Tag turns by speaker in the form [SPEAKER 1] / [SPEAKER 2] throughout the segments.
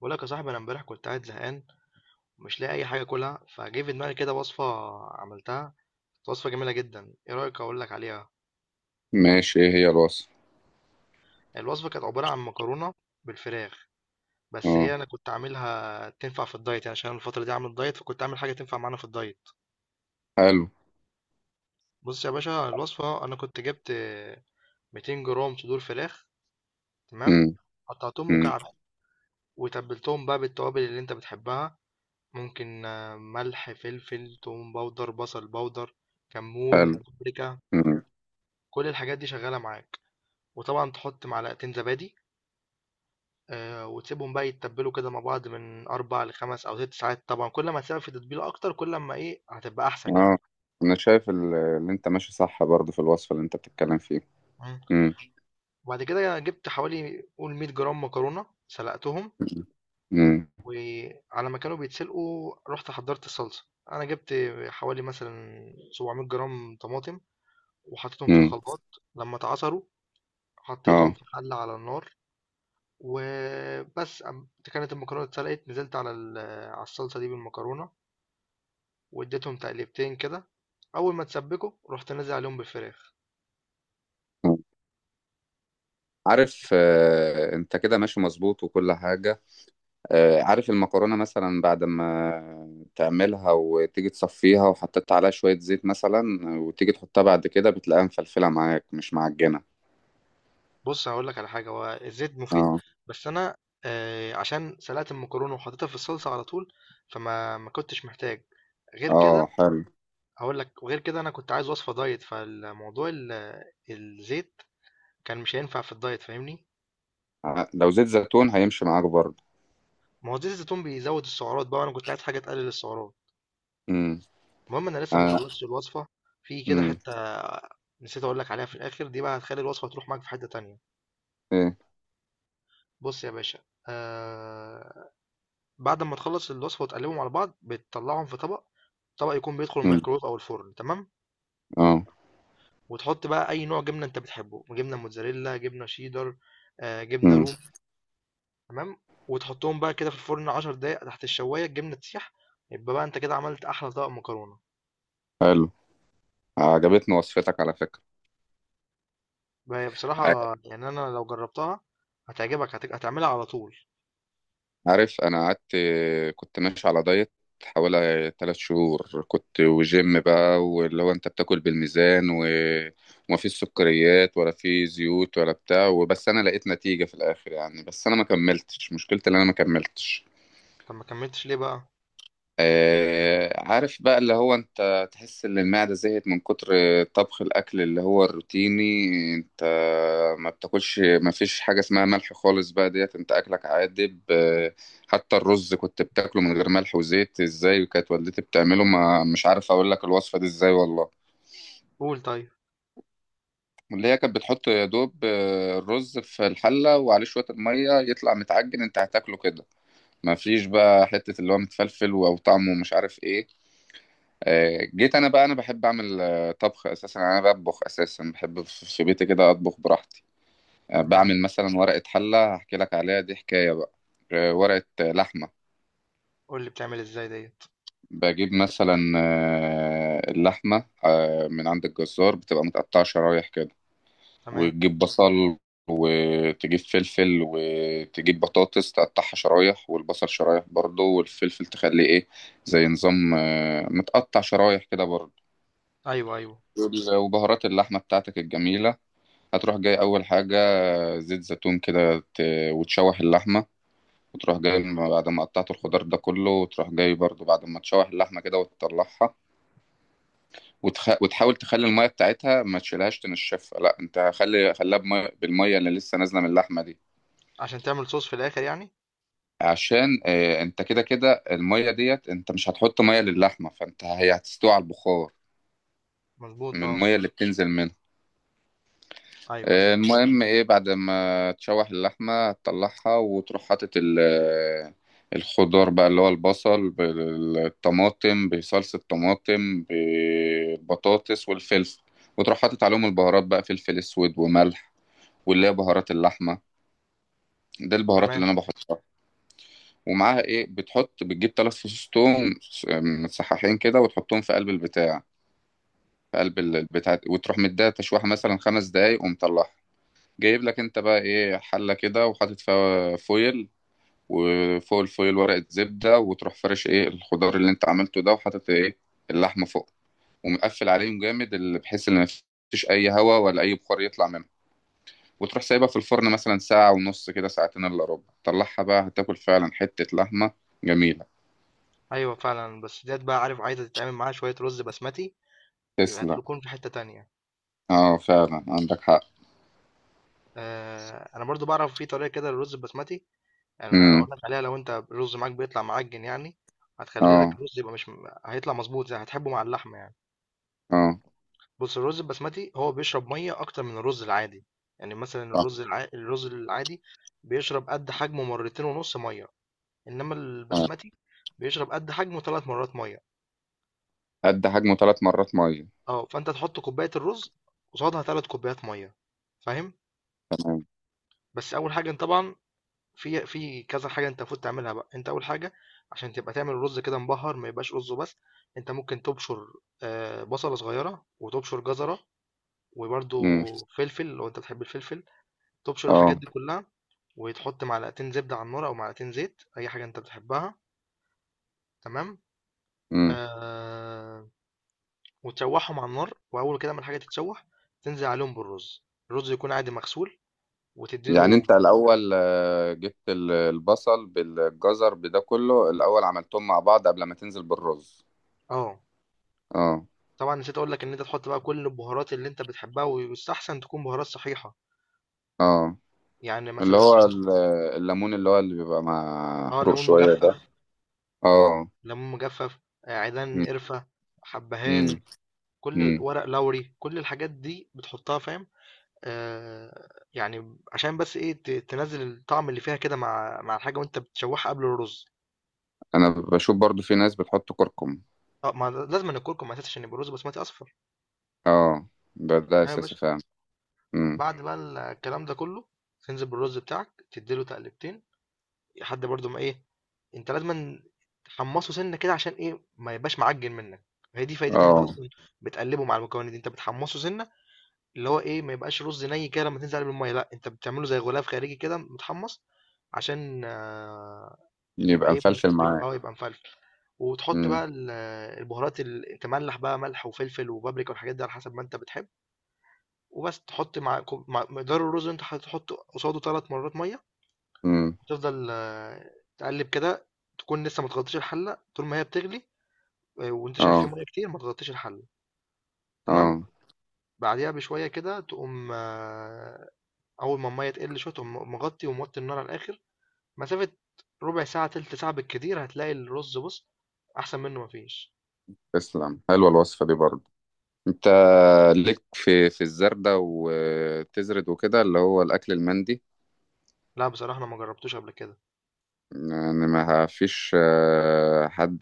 [SPEAKER 1] بقول لك يا صاحبي، انا امبارح كنت قاعد زهقان ومش لاقي اي حاجه اكلها. فجه في دماغي كده وصفه عملتها، كانت وصفه جميله جدا. ايه رايك اقول لك عليها؟
[SPEAKER 2] ماشي، ايه هي الوصفة؟
[SPEAKER 1] الوصفه كانت عباره عن مكرونه بالفراخ، بس
[SPEAKER 2] اه،
[SPEAKER 1] هي انا كنت عاملها تنفع في الدايت، يعني عشان أنا الفتره دي عامل دايت، فكنت عامل حاجه تنفع معانا في الدايت.
[SPEAKER 2] حلو.
[SPEAKER 1] بص يا باشا، الوصفه انا كنت جبت 200 جرام صدور فراخ، تمام.
[SPEAKER 2] امم.
[SPEAKER 1] قطعتهم
[SPEAKER 2] امم.
[SPEAKER 1] مكعبات وتبلتهم بقى بالتوابل اللي انت بتحبها. ممكن آه، ملح، فلفل، توم باودر، بصل باودر،
[SPEAKER 2] حلو.
[SPEAKER 1] كمون، بابريكا،
[SPEAKER 2] امم.
[SPEAKER 1] كل الحاجات دي شغالة معاك، وطبعًا تحط معلقتين زبادي. وتسيبهم بقى يتبّلوا كده مع بعض من 4 ل5 أو 6 ساعات طبعًا، كل ما تسيبها في تتبيلة أكتر، كل أمّا إيه، هتبقى أحسن
[SPEAKER 2] اه،
[SPEAKER 1] يعني.
[SPEAKER 2] انا شايف اللي انت ماشي صح برضه في الوصفة اللي انت بتتكلم فيه.
[SPEAKER 1] إمم،
[SPEAKER 2] امم.
[SPEAKER 1] وبعد كده جبت حوالي، قُل، 100 جرام مكرونة، سلقتهم،
[SPEAKER 2] امم.
[SPEAKER 1] وعلى ما كانوا بيتسلقوا رُحت حضّرت الصلصة. أنا جبت حوالي مثلًا 700 جرام طماطم وحطيتهم في
[SPEAKER 2] امم.
[SPEAKER 1] الخلاط. لمّا اتعصروا حطيتهم
[SPEAKER 2] اه.
[SPEAKER 1] في حلة على النار، وبس أم- كانت المكرونة اتسلقت، نزلت على الصلصة دي بالمكرونة، واديتهم تقليبتين كده. أول ما تسبكوا رحت نازل عليهم بالفراخ.
[SPEAKER 2] آه. عارف، انت كده ماشي مظبوط وكل حاجة. عارف المكرونة مثلا بعد ما تعملها وتيجي تصفيها وحطيت عليها شوية زيت مثلا، وتيجي تحطها بعد كده بتلاقيها مفلفلة معاك مش معجنة.
[SPEAKER 1] بص، هقول لك على حاجة، هو الزيت مفيد،
[SPEAKER 2] اه.
[SPEAKER 1] بس أنا آه، عشان سلقت المكرونة وحطيتها في الصلصة على طول، فما ما كنتش محتاج غير
[SPEAKER 2] اه،
[SPEAKER 1] كده.
[SPEAKER 2] حلو.
[SPEAKER 1] هقول لك، وغير كده أنا كنت عايز وصفة دايت، الزيت كان مش هينفع في الدايت، فاهمني؟
[SPEAKER 2] لو زيت زيتون هيمشي معاك برضه.
[SPEAKER 1] ما هو زيت الزيتون بيزود السعرات بقى، وأنا كنت عايز حاجة تقلل السعرات.
[SPEAKER 2] امم.
[SPEAKER 1] المهم، انا لسه ما خلصتش الوصفه، في كده
[SPEAKER 2] امم.
[SPEAKER 1] حته نسيت اقول لك عليها في الاخر، دي بقى هتخلي الوصفه تروح معاك في حته تانية.
[SPEAKER 2] ايه.
[SPEAKER 1] بص يا باشا، آه، بعد ما تخلص الوصفه وتقلبهم على بعض، بتطلعهم في طبق، طبق يكون بيدخل
[SPEAKER 2] مم.
[SPEAKER 1] الميكرويف او الفرن، تمام؟
[SPEAKER 2] اه.
[SPEAKER 1] وتحط بقى اي نوع جبنه انت بتحبه، جبنه موتزاريلا، جبنه شيدر، آه، جبنه
[SPEAKER 2] امم.
[SPEAKER 1] رومي، تمام. وتحطهم بقى كده في الفرن 10 دقايق تحت الشوايه، الجبنه تسيح، يبقى بقى انت كده عملت احلى طبق مكرونه.
[SPEAKER 2] حلو. عجبتني وصفتك على فكرة.
[SPEAKER 1] بقى
[SPEAKER 2] ع-
[SPEAKER 1] بصراحه يعني، انا لو جربتها هتعجبك، هتعملها على طول.
[SPEAKER 2] عارف انا قعدت كنت ماشي على دايت حوالي 3 شهور، كنت وجيم بقى، واللي هو انت بتاكل بالميزان وما فيش سكريات ولا في زيوت ولا بتاع وبس، انا لقيت نتيجة في الاخر يعني، بس انا ما كملتش، مشكلتي ان انا ما كملتش.
[SPEAKER 1] طب ما كمّلتش ليه بقى؟
[SPEAKER 2] عارف بقى اللي هو انت تحس ان المعدة زهقت من كتر طبخ الاكل اللي هو الروتيني، انت ما بتاكلش، ما فيش حاجة اسمها ملح خالص بقى، ديت انت اكلك عادب. حتى الرز كنت بتاكله من غير ملح وزيت، ازاي كانت والدتي بتعمله؟ ما مش عارف اقول لك الوصفة دي ازاي والله.
[SPEAKER 1] قُل، طيب،
[SPEAKER 2] اللي هي كانت بتحط يا دوب، الرز في الحلة وعليه شوية المية يطلع متعجن، انت هتاكله كده، ما فيش بقى حتة اللي هو متفلفل او طعمه مش عارف ايه. جيت انا بقى، انا بحب اعمل، طبخ اساسا، يعني انا بطبخ اساسا، بحب في بيتي كده اطبخ براحتي.
[SPEAKER 1] تمام.
[SPEAKER 2] بعمل مثلا ورقة حلة، هحكي لك عليها دي حكاية بقى. ورقة، لحمة.
[SPEAKER 1] قُل لي بتعمل إزاي ديّة،
[SPEAKER 2] بجيب مثلا، اللحمة، من عند الجزار بتبقى متقطعة شرايح كده،
[SPEAKER 1] تمام.
[SPEAKER 2] وتجيب بصل، وتجيب فلفل، وتجيب بطاطس، تقطعها شرايح والبصل شرايح برضه، والفلفل تخليه ايه، زي نظام، متقطع شرايح كده برضه.
[SPEAKER 1] أيوه، أيوه،
[SPEAKER 2] وبهارات اللحمة بتاعتك الجميلة هتروح جاي أول حاجة، زيت زيتون كده، وتشوح اللحمة. وتروح جاي بعد ما قطعت الخضار ده كله، وتروح جاي برضو بعد ما تشوح اللحمة كده وتطلعها. وتحاول تخلي المية بتاعتها، ما تشيلهاش، تنشفها لا، انت خليها بالمية اللي لسه نازلة من اللحمة دي.
[SPEAKER 1] عشان تعمل صوص في الآخر يعني؟
[SPEAKER 2] عشان انت كده المية ديت انت مش هتحط مية للحمة، فانت هي هتستوي على البخار
[SPEAKER 1] مضبوط
[SPEAKER 2] من
[SPEAKER 1] آه،
[SPEAKER 2] المية اللي بتنزل منها.
[SPEAKER 1] أيوه، أيوه،
[SPEAKER 2] المهم ايه، بعد ما تشوح اللحمة تطلعها، وتروح حاطط الخضار بقى، اللي هو البصل بالطماطم بصلصة طماطم بالبطاطس والفلفل، وتروح حاطط عليهم البهارات بقى، فلفل اسود وملح واللي هي بهارات اللحمة، ده البهارات اللي
[SPEAKER 1] تمام.
[SPEAKER 2] انا بحطها. ومعاها ايه، بتجيب 3 فصوص توم متصححين كده، وتحطهم في قلب البتاع، في قلب البتاع، وتروح مديها تشويحة مثلا 5 دقايق ومطلعها. جايب لك انت بقى ايه حله كده، وحاطط فيها فويل، وفوق الفويل ورقه زبده، وتروح فرش ايه الخضار اللي انت عملته ده، وحاطط ايه اللحمه فوق، ومقفل عليهم جامد اللي بحيث ان مفيش اي هواء ولا اي بخار يطلع منها، وتروح سايبها في الفرن مثلا ساعه ونص كده، ساعتين الا ربع، طلعها بقى، هتاكل فعلا حته لحمه جميله.
[SPEAKER 1] أيوه فعلًا، بس ديّة بقى، عارف، عايزة تتعمل معاها شوية رُز بسمتي، يبقى
[SPEAKER 2] تسلم.
[SPEAKER 1] هتكون في حتّة تانية.
[SPEAKER 2] اه، فعلا عندك حق.
[SPEAKER 1] أنا برضه باعرف في طريقة كده للرُز البسمتي، أنا
[SPEAKER 2] امم.
[SPEAKER 1] هاقول لك عليها. لو أنت الرُز معاك بيطلع معجِّن يعني، هتخلّي لك
[SPEAKER 2] اه.
[SPEAKER 1] الرُز يبقى مش هيطلع مضبوط زي هتحبه مع اللحمة يعني.
[SPEAKER 2] اه،
[SPEAKER 1] بُص، الرز البسمتي هو بيشرب مَيّة أكتر من الرز العادي، يعني مثلًا
[SPEAKER 2] صح.
[SPEAKER 1] الرز العادي بيشرب قد حجمه مرتين ونُص مَيّة، إنّما
[SPEAKER 2] آه.
[SPEAKER 1] البسمتي بيشرب قد حجمه 3 مرّات مَيّة.
[SPEAKER 2] قد حجمه 3 مرات ميه.
[SPEAKER 1] آه، فأنت تحُط كوباية الرز قصادها 3 كوبايات مَيّة، فاهم؟
[SPEAKER 2] تمام.
[SPEAKER 1] بس أول حاجة أنت طبعًا، في كذا حاجة أنت المفروض تعملها بقى. أنت أول حاجة، عشان تبقى تعمل الرز كده مبهّر، ما يبقاش رُز وبس، أنت ممكن تبشُر بصلة صغيّرة، وتبشُر جزرة، وبرضه
[SPEAKER 2] امم.
[SPEAKER 1] فلفل لو أنت بتحب الفلفل. تبشر الحاجات
[SPEAKER 2] اه.
[SPEAKER 1] دي كلها، وتحط معلقتين زبدة على النار أو معلقتين زيت، أي حاجة أنت بتحبها، تمام.
[SPEAKER 2] امم.
[SPEAKER 1] آه، وتشوحهم على النار، وأول كده ما الحاجة تتشوح، تنزل عليهم بالرز، الرز يكون عادي مغسول،
[SPEAKER 2] يعني
[SPEAKER 1] وتديله.
[SPEAKER 2] انت الاول، جبت البصل بالجزر بده كله الاول عملتهم مع بعض قبل ما تنزل بالرز؟
[SPEAKER 1] اه،
[SPEAKER 2] اه.
[SPEAKER 1] طبعا نسيت أقول لك إن أنت تحط بقى كل البهارات اللي أنت بتحبها، ويستحسن تكون بهارات صحيحة.
[SPEAKER 2] اه،
[SPEAKER 1] يعني
[SPEAKER 2] اللي
[SPEAKER 1] مثلا
[SPEAKER 2] هو
[SPEAKER 1] تحط
[SPEAKER 2] الليمون اللي هو اللي بيبقى
[SPEAKER 1] اه،
[SPEAKER 2] محروق
[SPEAKER 1] ليمون
[SPEAKER 2] شوية
[SPEAKER 1] مجفف،
[SPEAKER 2] ده. اه.
[SPEAKER 1] ليمون مجفف، آه، عيدان
[SPEAKER 2] مم،
[SPEAKER 1] قرفة،
[SPEAKER 2] مم،
[SPEAKER 1] حبهان،
[SPEAKER 2] مم.
[SPEAKER 1] ورق لوري، كل الحاجات دي بتحطها، فاهم؟ آآ، يعني عشان بس إيه، تنزّل الطعم اللي فيها كده، مع الحاجة وأنت بتشوّحها قبل الرز.
[SPEAKER 2] انا بشوف برضو في ناس بتحط كركم.
[SPEAKER 1] آه، ما لازمًا الكركم أساسي عشان يبقى الرز بسمتي أصفر.
[SPEAKER 2] اه، ده
[SPEAKER 1] تمام يا
[SPEAKER 2] اساسي
[SPEAKER 1] باشا.
[SPEAKER 2] فعلا. مم.
[SPEAKER 1] بعد بقى الكلام ده كلّه، تنزل بالرز بتاعك، تدّي له تقلبتين، لحد برضه ما إيه، أنت لازمًا تحمّصه سِنّة كده، عشان إيه، ما يبقاش معجّن منّك. هي دي فايدة إن أنت
[SPEAKER 2] اه،
[SPEAKER 1] أصلًا بتقلّبه مع المكونات دي، أنت بتحمّصه سِنّة، اللي هو إيه، ما يبقاش رز نَي كده لمّا تنزل عليه بالمَيّة، لأ، أنت بتعمله زي غلاف خارجي كده متحمّص، عشان آه، يبقى
[SPEAKER 2] يبقى
[SPEAKER 1] ايه،
[SPEAKER 2] مفلفل معاك.
[SPEAKER 1] يبقى مفلفل. وتحط بقى
[SPEAKER 2] مم،
[SPEAKER 1] البهارات، اللي تملح بقى، ملح وفلفل وبابريكا والحاجات دي على حسب ما انت بتحب. وبس تحط مع، مع مقدار الرز اللي انت هتحط قصاده ثلاث مرات ميه.
[SPEAKER 2] مم.
[SPEAKER 1] وتفضل آه، تقلب كده، تكون لسه ما تغطيش الحله طول ما هي بتغلي. آه، وانت شايف في
[SPEAKER 2] اه.
[SPEAKER 1] ميه كتير، ما تغطيش الحله، تمام.
[SPEAKER 2] اه،
[SPEAKER 1] بعديها بشويه كده تقوم آه، اول ما الميه تقل شويه تقوم مغطي، وموطي النار على الاخر، مسافه ربع ساعه تلت ساعه بالكتير، هتلاقي الرز، بص، احسن منه مفيش.
[SPEAKER 2] تسلم، حلوة الوصفة دي برضو. انت ليك في الزردة وتزرد وكده اللي هو الاكل المندي؟
[SPEAKER 1] لأ بصراحة أنا ما جرّبتوش قبل كده.
[SPEAKER 2] يعني ما فيش، حد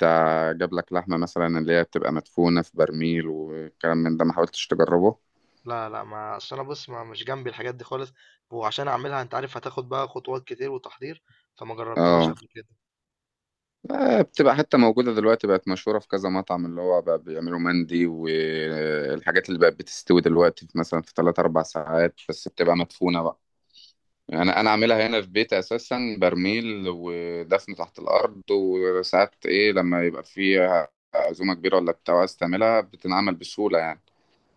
[SPEAKER 2] جاب لك لحمة مثلا اللي هي بتبقى مدفونة في برميل والكلام من ده، ما حاولتش تجربه؟
[SPEAKER 1] لا، لأ، ما أصل أنا بُص، ما مش جنبي الحاجات دي خالص، وعشان أعملها أنت عارف هتاخد بقى خطوات كتير وتحضير، فما جرّبتهاش
[SPEAKER 2] اه.
[SPEAKER 1] قبل كده.
[SPEAKER 2] بتبقى حتى موجودة دلوقتي، بقت مشهورة في كذا مطعم اللي هو بقى بيعملوا مندي، والحاجات اللي بقت بتستوي دلوقتي في مثلا في 3 4 ساعات بس، بتبقى مدفونة بقى. انا عاملها هنا في بيتي اساسا برميل ودفن تحت الارض، وساعات ايه لما يبقى فيها عزومه كبيره ولا بتاع عايز تعملها، بتنعمل بسهوله يعني،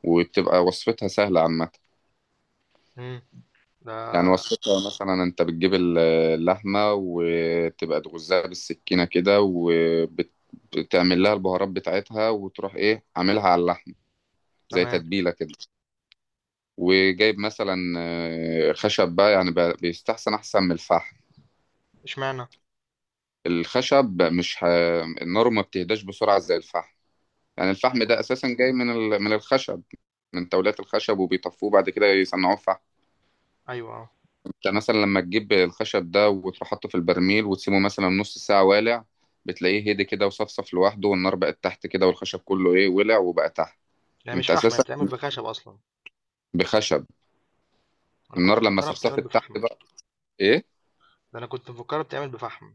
[SPEAKER 2] وبتبقى وصفتها سهله عامه.
[SPEAKER 1] إمم، ده
[SPEAKER 2] يعني وصفتها مثلا، انت بتجيب اللحمه وتبقى تغزها بالسكينه كده، وبتعمل لها البهارات بتاعتها، وتروح ايه عاملها على اللحمه زي
[SPEAKER 1] تمام.
[SPEAKER 2] تتبيله كده. وجايب مثلا، خشب بقى، يعني بيستحسن احسن من الفحم.
[SPEAKER 1] إشمعنى؟
[SPEAKER 2] الخشب مش ه... النار ما بتهداش بسرعة زي الفحم، يعني الفحم
[SPEAKER 1] أيوه،
[SPEAKER 2] ده أساسا جاي من من الخشب، من تولات الخشب، وبيطفوه بعد كده يصنعوه فحم.
[SPEAKER 1] أيوه آه،
[SPEAKER 2] انت مثلا لما تجيب الخشب ده وتروح حاطه في البرميل وتسيبه مثلا نص ساعة والع، بتلاقيه هدي كده وصفصف لوحده، والنار بقت تحت كده، والخشب كله ايه ولع وبقى تحت.
[SPEAKER 1] هي مش
[SPEAKER 2] انت
[SPEAKER 1] فحم، هي
[SPEAKER 2] أساسا
[SPEAKER 1] بتتعمل بخشب أصلًا.
[SPEAKER 2] بخشب،
[SPEAKER 1] أنا كنت
[SPEAKER 2] النار لما
[SPEAKER 1] مفكّرها بتتعمل
[SPEAKER 2] صفصفت تحت
[SPEAKER 1] بفحم.
[SPEAKER 2] بقى. ايه.
[SPEAKER 1] ده أنا كنت مفكّرها بتتعمل بفحم.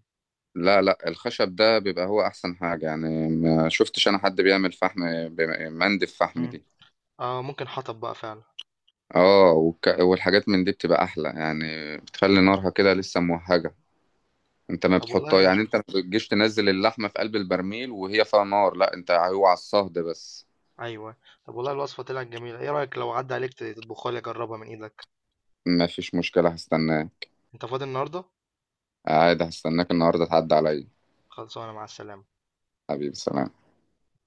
[SPEAKER 2] لا لا، الخشب ده بيبقى هو أحسن حاجة، يعني ما شفتش أنا حد بيعمل فحم مندف فحم
[SPEAKER 1] إمم،
[SPEAKER 2] دي.
[SPEAKER 1] آه، ممكن حطب بقى فعلًا.
[SPEAKER 2] اه، والحاجات من دي بتبقى احلى يعني، بتخلي
[SPEAKER 1] إمم،
[SPEAKER 2] نارها كده لسه موهجه. انت ما
[SPEAKER 1] طب
[SPEAKER 2] بتحطها،
[SPEAKER 1] والله،
[SPEAKER 2] يعني انت ما بتجيش تنزل اللحمه في قلب البرميل وهي فيها نار، لا، انت هو على الصهد بس.
[SPEAKER 1] أيوه، طب والله الوصفة طلعت جميلة. إيه رأيك لو عدّى عليك تطبخها لي أجرّبها من إيدك؟
[SPEAKER 2] ما فيش مشكله، هستناه.
[SPEAKER 1] أنت فاضي النهارده؟
[SPEAKER 2] عادي، هستناك النهارده تعدي عليا.
[SPEAKER 1] خلصانة، مع السلامة.
[SPEAKER 2] حبيبي، سلام.